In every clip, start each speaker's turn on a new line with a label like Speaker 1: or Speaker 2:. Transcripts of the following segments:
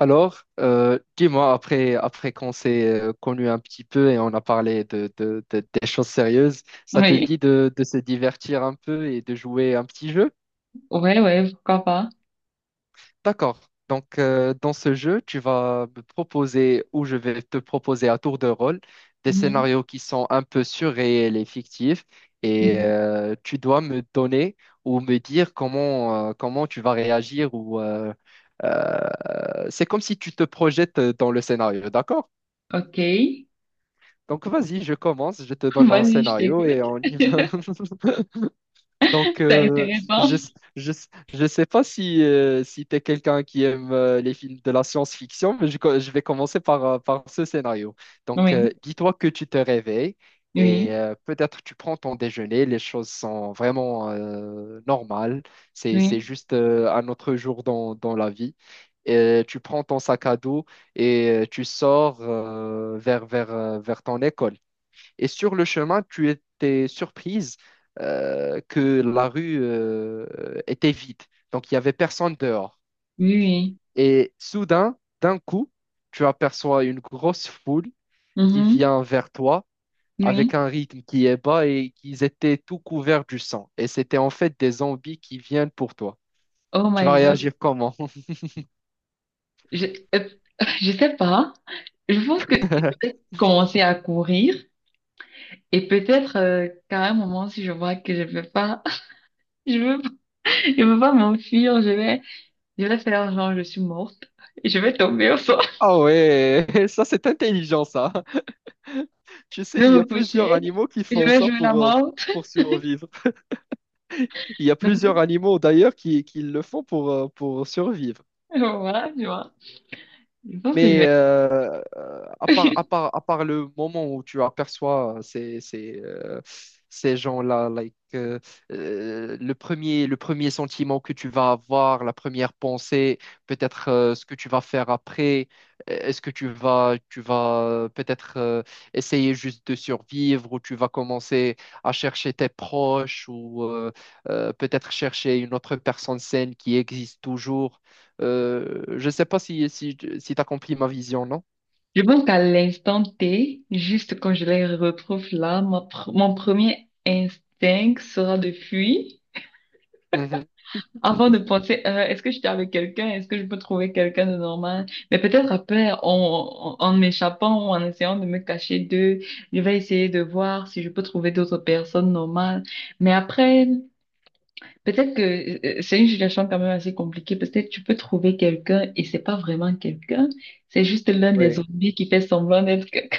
Speaker 1: Alors, dis-moi, après qu'on s'est connu un petit peu et on a parlé de, des choses sérieuses, ça te
Speaker 2: Oui,
Speaker 1: dit de se divertir un peu et de jouer un petit jeu?
Speaker 2: ouais, ouais, pourquoi pas.
Speaker 1: D'accord. Donc, dans ce jeu, tu vas me proposer ou je vais te proposer à tour de rôle des
Speaker 2: Mhm.
Speaker 1: scénarios qui sont un peu surréels et fictifs et
Speaker 2: Mhm.
Speaker 1: tu dois me donner ou me dire comment, comment tu vas réagir ou euh, c'est comme si tu te projettes dans le scénario, d'accord?
Speaker 2: Ok,
Speaker 1: Donc vas-y, je commence, je te donne un
Speaker 2: vas-y, je
Speaker 1: scénario et
Speaker 2: t'écoute.
Speaker 1: on y va. Donc
Speaker 2: C'est intéressant.
Speaker 1: je je je sais pas si si tu es quelqu'un qui aime les films de la science-fiction, mais je, je vais commencer par par ce scénario. Donc
Speaker 2: Oui,
Speaker 1: dis-toi que tu te réveilles et
Speaker 2: oui,
Speaker 1: peut-être tu prends ton déjeuner, les choses sont vraiment normales, c'est
Speaker 2: oui,
Speaker 1: juste un autre jour dans la vie. Et tu prends ton sac à dos et tu sors vers ton école. Et sur le chemin, tu étais surprise que la rue était vide. Donc, il n'y avait personne dehors.
Speaker 2: oui, oui.
Speaker 1: Et soudain, d'un coup, tu aperçois une grosse foule qui
Speaker 2: Mhm.
Speaker 1: vient vers toi
Speaker 2: Oui.
Speaker 1: avec un rythme qui est bas et qu'ils étaient tout couverts du sang. Et c'était en fait des zombies qui viennent pour toi.
Speaker 2: Oh
Speaker 1: Tu
Speaker 2: my
Speaker 1: vas
Speaker 2: God.
Speaker 1: réagir comment?
Speaker 2: Je, euh, je sais pas. Je pense que je vais peut-être commencer à courir et peut-être qu'à un moment, si je vois que je peux pas, je veux, je veux pas m'enfuir, je vais faire genre je suis morte. Et je vais tomber au sol.
Speaker 1: Ah ouais, ça c'est intelligent ça. Tu
Speaker 2: Je
Speaker 1: sais,
Speaker 2: vais
Speaker 1: il y
Speaker 2: me
Speaker 1: a
Speaker 2: coucher.
Speaker 1: plusieurs animaux qui
Speaker 2: Et je
Speaker 1: font
Speaker 2: vais
Speaker 1: ça
Speaker 2: jouer la morte.
Speaker 1: pour survivre. Il y a
Speaker 2: Mais
Speaker 1: plusieurs animaux d'ailleurs qui le font pour survivre.
Speaker 2: voilà, tu vois. Je pense que je
Speaker 1: Mais
Speaker 2: vais...
Speaker 1: à part le moment où tu aperçois ces gens-là, like, le premier sentiment que tu vas avoir, la première pensée, peut-être ce que tu vas faire après, est-ce que tu vas, peut-être essayer juste de survivre ou tu vas commencer à chercher tes proches ou peut-être chercher une autre personne saine qui existe toujours. Je sais pas si tu accomplis ma vision, non?
Speaker 2: Je pense qu'à l'instant T, juste quand je les retrouve là, mon premier instinct sera de fuir.
Speaker 1: Mhm.
Speaker 2: Avant de penser, est-ce que j'étais avec quelqu'un? Est-ce que je peux trouver quelqu'un de normal? Mais peut-être après, en m'échappant ou en essayant de me cacher d'eux, je vais essayer de voir si je peux trouver d'autres personnes normales. Mais après, peut-être que c'est une situation quand même assez compliquée. Peut-être tu peux trouver quelqu'un et c'est pas vraiment quelqu'un, c'est juste l'un des
Speaker 1: Oui,
Speaker 2: zombies qui fait semblant d'être quelqu'un.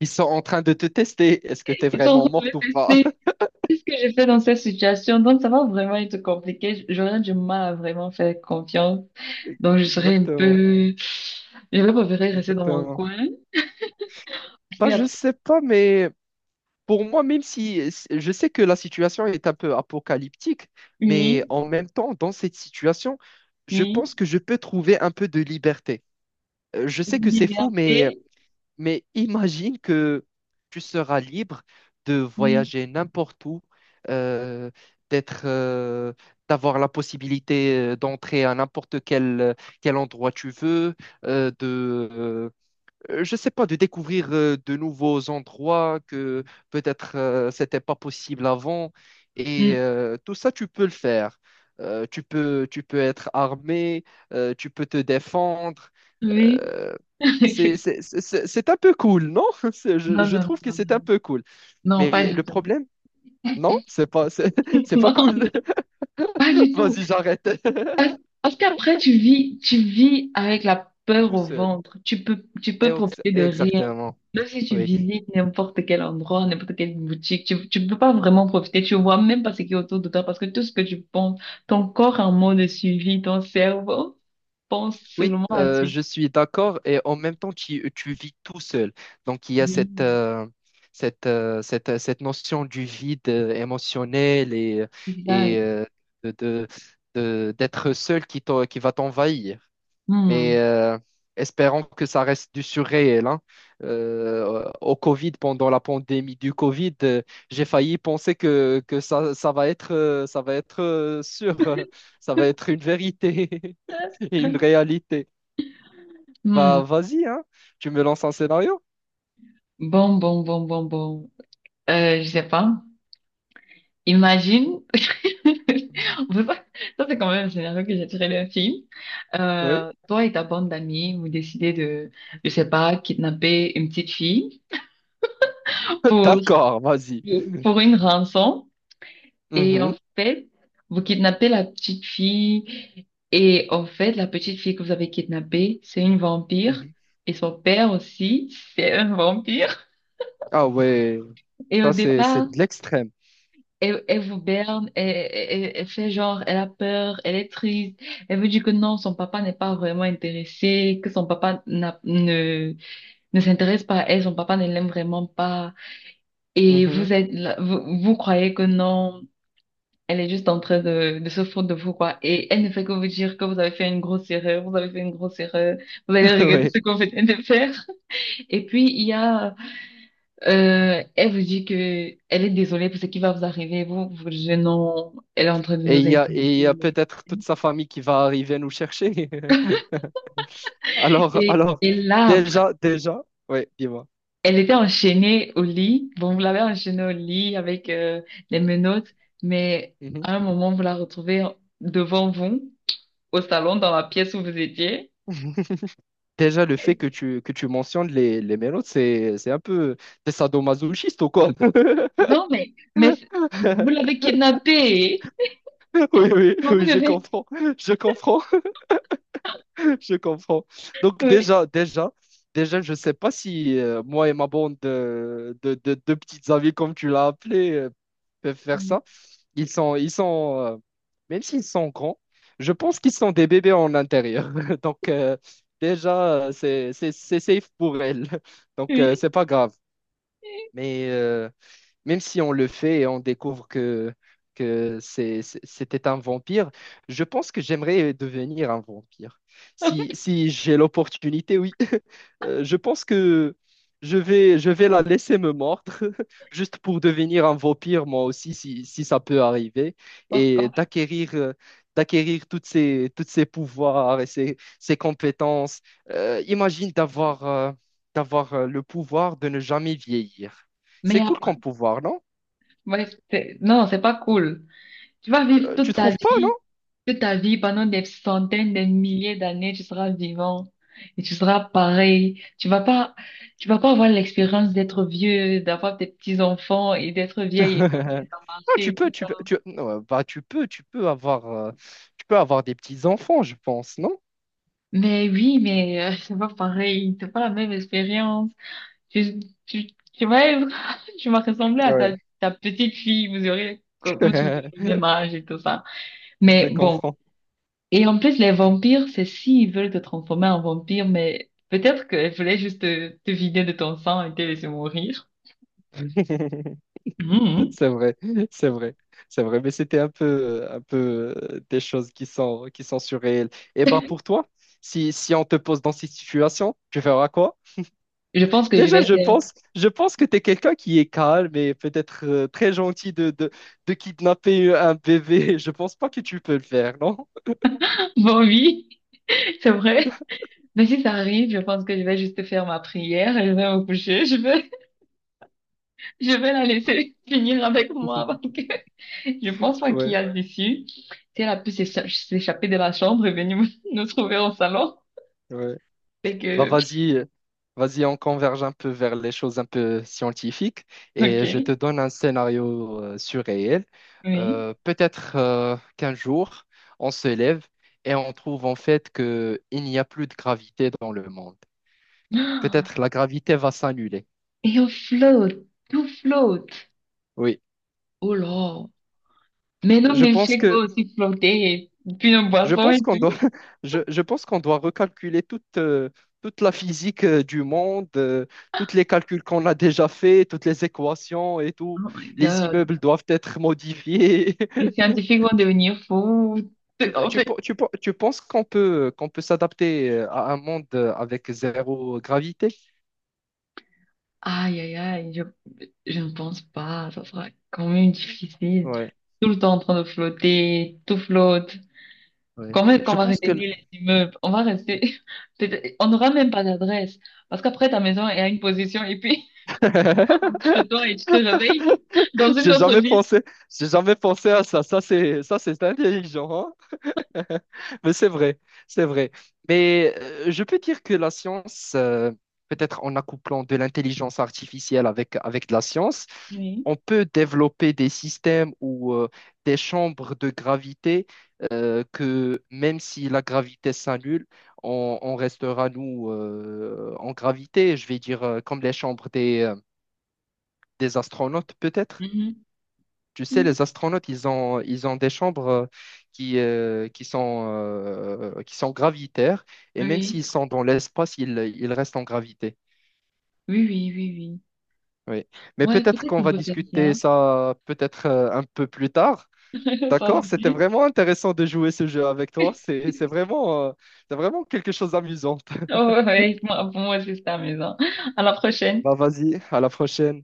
Speaker 1: ils sont en train de te tester. Est-ce que tu es
Speaker 2: Ils sont en
Speaker 1: vraiment
Speaker 2: train de
Speaker 1: morte
Speaker 2: me
Speaker 1: ou pas?
Speaker 2: tester. Qu'est-ce que j'ai fait dans cette situation? Donc ça va vraiment être compliqué. J'aurais du mal à vraiment faire confiance. Donc je serais un
Speaker 1: Exactement,
Speaker 2: peu, je vais préférer rester dans mon
Speaker 1: exactement.
Speaker 2: coin. Parce
Speaker 1: Bah,
Speaker 2: qu'il y a
Speaker 1: je sais pas, mais pour moi, même si si, je sais que la situation est un peu apocalyptique, mais
Speaker 2: oui,
Speaker 1: en même temps, dans cette situation, je
Speaker 2: oui,
Speaker 1: pense que je peux trouver un peu de liberté. Je sais que c'est fou, mais
Speaker 2: liberté,
Speaker 1: Mais imagine que tu seras libre de
Speaker 2: oui,
Speaker 1: voyager n'importe où, euh, d'être, d'avoir la possibilité d'entrer à n'importe quel, quel endroit tu veux, euh, de, euh, je sais pas, de découvrir de nouveaux endroits que peut-être c'était pas possible avant.
Speaker 2: mm,
Speaker 1: Et tout ça, tu peux le faire. Tu peux être armé, tu peux te défendre.
Speaker 2: oui.
Speaker 1: Euh, c'est- un peu cool, non? C'est-
Speaker 2: Non,
Speaker 1: je
Speaker 2: non,
Speaker 1: trouve que
Speaker 2: non,
Speaker 1: c'est un
Speaker 2: non,
Speaker 1: peu cool.
Speaker 2: non, pas
Speaker 1: Mais
Speaker 2: du
Speaker 1: le
Speaker 2: tout.
Speaker 1: problème, non, c'est pas, c'est, c'est pas
Speaker 2: Non,
Speaker 1: cool.
Speaker 2: pas du tout.
Speaker 1: Vas-y, j'arrête.
Speaker 2: Parce qu'après, tu vis avec la peur
Speaker 1: Tout
Speaker 2: au
Speaker 1: seul.
Speaker 2: ventre. Tu
Speaker 1: Et
Speaker 2: peux profiter de rien.
Speaker 1: exactement.
Speaker 2: Même si tu
Speaker 1: Oui.
Speaker 2: visites n'importe quel endroit, n'importe quelle boutique, tu peux pas vraiment profiter. Tu vois même pas ce qui est autour de toi parce que tout ce que tu penses, ton corps en mode suivi, ton cerveau pense
Speaker 1: Oui,
Speaker 2: seulement à ce
Speaker 1: je suis d'accord. Et en même temps, tu vis tout seul. Donc, il y a cette,
Speaker 2: suivi.
Speaker 1: cette notion du vide émotionnel et
Speaker 2: Exact.
Speaker 1: de, de- d'être seul qui, qui va t'envahir. Mais
Speaker 2: Hmm.
Speaker 1: espérons que ça reste du surréel, hein. Au Covid, pendant la pandémie du Covid, j'ai failli penser que, ça va être, sûr, ça va être une vérité et une réalité.
Speaker 2: Hmm.
Speaker 1: Bah, vas-y, hein. Tu me lances un scénario?
Speaker 2: Bon, bon, bon, bon, bon. Je sais pas. Imagine. On peut pas- Ça, c'est quand même un scénario que j'ai tiré d'un film.
Speaker 1: Oui.
Speaker 2: Toi et ta bande d'amis, vous décidez de, je sais pas, kidnapper une petite fille pour,
Speaker 1: D'accord, vas-y.
Speaker 2: pour une rançon. Et en
Speaker 1: Mhm,
Speaker 2: fait, vous kidnappez la petite fille. Et en fait, la petite fille que vous avez kidnappée, c'est une vampire.
Speaker 1: mhm.
Speaker 2: Et son père aussi, c'est un vampire.
Speaker 1: Ah ouais,
Speaker 2: Et au
Speaker 1: ça c'est
Speaker 2: départ,
Speaker 1: c'est de l'extrême.
Speaker 2: elle vous berne, elle fait genre, elle a peur, elle est triste, elle veut dire que non, son papa n'est pas vraiment intéressé, que son papa ne s'intéresse pas à elle, son papa ne l'aime vraiment pas, et
Speaker 1: Mhm.
Speaker 2: vous, vous croyez que non, elle est juste en train de se foutre de vous, quoi, et elle ne fait que vous dire que vous avez fait une grosse erreur, vous avez fait une grosse erreur, vous allez regretter
Speaker 1: Ouais.
Speaker 2: ce qu'on vous venez de faire. Et puis, il y a elle vous dit que elle est désolée pour ce qui va vous arriver. Vous, vous jeune homme, elle est en train de
Speaker 1: Et
Speaker 2: nous
Speaker 1: il y a,
Speaker 2: insulter.
Speaker 1: et il y a
Speaker 2: Mais-
Speaker 1: peut-être toute sa famille qui va arriver nous chercher. Alors,
Speaker 2: Et,
Speaker 1: alors,
Speaker 2: et là, après,
Speaker 1: déjà, déjà, ouais, dis-moi.
Speaker 2: elle était enchaînée au lit. Bon, vous l'avez enchaînée au lit avec les menottes, mais
Speaker 1: Mhm.
Speaker 2: à un moment, vous la retrouvez devant vous, au salon, dans la pièce où vous étiez.
Speaker 1: Déjà, le fait que tu mentionnes les mélodes, c'est un peu... T'es sadomasochiste ou quoi?
Speaker 2: Non, mais c'est- vous l'avez kidnappée. Vous
Speaker 1: Oui, je
Speaker 2: devez...
Speaker 1: comprends. Je comprends. Je comprends. Donc
Speaker 2: Oui,
Speaker 1: déjà, déjà, déjà, je sais pas si moi et ma bande de, de petites amies, comme tu l'as appelé, peuvent faire ça. Ils sont, même s'ils sont grands, je pense qu'ils sont des bébés en intérieur. Donc déjà, c'est safe pour elles. Donc
Speaker 2: oui.
Speaker 1: c'est pas grave. Mais même si on le fait et on découvre que c'était un vampire, je pense que j'aimerais devenir un vampire. Si j'ai l'opportunité, oui. Je pense que je vais la laisser me mordre, juste pour devenir un vampire, moi aussi, si ça peut arriver, et
Speaker 2: Pourquoi?
Speaker 1: d'acquérir... d'acquérir toutes ces pouvoirs et ces compétences. Imagine d'avoir d'avoir le pouvoir de ne jamais vieillir.
Speaker 2: Mais
Speaker 1: C'est cool
Speaker 2: après,
Speaker 1: comme pouvoir, non?
Speaker 2: ouais, c'est- non, c'est pas cool. Tu vas vivre
Speaker 1: Tu trouves pas, non?
Speaker 2: toute ta vie, pendant des centaines, des milliers d'années, tu seras vivant et tu seras pareil. Tu vas pas avoir l'expérience d'être vieux, d'avoir des petits-enfants et d'être vieille et quand
Speaker 1: Non,
Speaker 2: ça a
Speaker 1: tu
Speaker 2: et
Speaker 1: peux,
Speaker 2: tout
Speaker 1: tu
Speaker 2: ça.
Speaker 1: peux, tu, non, bah, tu peux avoir des petits enfants, je pense, non?
Speaker 2: Mais oui, mais c'est pas pareil, c'est pas la même expérience. Tu, tu, tu vas être, tu vas ressembler à ta,
Speaker 1: Ouais.
Speaker 2: ta petite fille, vous aurez comme si vous aviez le même âge et tout ça.
Speaker 1: Je
Speaker 2: Mais bon.
Speaker 1: comprends.
Speaker 2: Et en plus, les vampires, c'est s'ils veulent te transformer en vampire, mais peut-être qu'elles voulaient juste te, te vider de ton sang et te laisser mourir. Mhm.
Speaker 1: C'est vrai, c'est vrai, c'est vrai. Mais c'était un peu, des choses qui sont surréelles. Et bah pour toi, si on te pose dans cette situation, tu feras quoi?
Speaker 2: Je pense que je
Speaker 1: Déjà,
Speaker 2: vais faire...
Speaker 1: je pense que tu es quelqu'un qui est calme et peut-être très gentil de, de kidnapper un bébé. Je pense pas que tu peux le faire, non?
Speaker 2: Bon, oui, c'est vrai. Mais si ça arrive, je pense que je vais juste faire ma prière et je vais me coucher. Je vais la laisser finir avec moi parce que je pense pas qu'il
Speaker 1: Ouais,
Speaker 2: y a d'issue. Si elle a pu s'écha- s'échapper de la chambre et venir nous trouver au salon,
Speaker 1: ouais.
Speaker 2: c'est
Speaker 1: Bah
Speaker 2: que...
Speaker 1: vas-y, vas-y, on converge un peu vers les choses un peu scientifiques et
Speaker 2: Ok,
Speaker 1: je te donne un scénario surréel.
Speaker 2: oui.
Speaker 1: Peut-être qu'un jour, on se lève et on trouve en fait que il n'y a plus de gravité dans le monde. Peut-être la gravité va s'annuler.
Speaker 2: Et on flotte, tout flotte.
Speaker 1: Oui,
Speaker 2: Oh là. Mais non,
Speaker 1: je
Speaker 2: mais le
Speaker 1: pense
Speaker 2: chèque va
Speaker 1: que
Speaker 2: aussi flotter et puis un
Speaker 1: je
Speaker 2: boisson et
Speaker 1: pense qu'on doit,
Speaker 2: tout.
Speaker 1: je pense qu'on doit recalculer toute, toute la physique du monde, tous les calculs qu'on a déjà faits, toutes les équations et tout.
Speaker 2: Oh my
Speaker 1: Les
Speaker 2: God.
Speaker 1: immeubles doivent être modifiés.
Speaker 2: Les scientifiques vont devenir fous. En fait,
Speaker 1: Tu penses qu'on peut s'adapter à un monde avec zéro gravité?
Speaker 2: aïe, aïe, aïe, je ne pense pas. Ça sera quand même difficile.
Speaker 1: Ouais,
Speaker 2: Tout le temps en train de flotter, tout flotte.
Speaker 1: ouais.
Speaker 2: Comment est-ce qu'on
Speaker 1: Je
Speaker 2: va
Speaker 1: pense que... le-
Speaker 2: retenir les immeubles? On va rester. Peut-être- on n'aura même pas d'adresse. Parce qu'après, ta maison est à une position et puis, on rentre chez toi et tu te réveilles dans une
Speaker 1: J'ai
Speaker 2: autre
Speaker 1: jamais
Speaker 2: ville.
Speaker 1: pensé, j'ai jamais pensé à ça. Ça, c'est intelligent, hein. Mais c'est vrai, c'est vrai. Mais je peux dire que la science, peut-être en accouplant de l'intelligence artificielle avec, avec de la science,
Speaker 2: Oui.
Speaker 1: on peut développer des systèmes ou des chambres de gravité que même si la gravité s'annule, on restera, nous, en gravité. Je vais dire comme les chambres des astronautes, peut-être.
Speaker 2: Mhm.
Speaker 1: Tu sais,
Speaker 2: Mhm.
Speaker 1: les astronautes, ils ont des chambres qui, qui sont gravitaires, et même
Speaker 2: Oui.
Speaker 1: s'ils sont dans l'espace, ils restent en gravité.
Speaker 2: Oui, oui, oui, oui.
Speaker 1: Oui. Mais
Speaker 2: Ouais,
Speaker 1: peut-être
Speaker 2: peut-être
Speaker 1: qu'on
Speaker 2: on
Speaker 1: va
Speaker 2: peut faire ça.
Speaker 1: discuter ça peut-être un peu plus tard.
Speaker 2: Sans
Speaker 1: D'accord? C'était
Speaker 2: souci.
Speaker 1: vraiment intéressant de jouer ce jeu avec toi. C'est vraiment quelque chose d'amusant.
Speaker 2: Oh, ouais, ouais, moi, pour moi, c'est ça, maison. À la prochaine.
Speaker 1: Bah, vas-y, à la prochaine.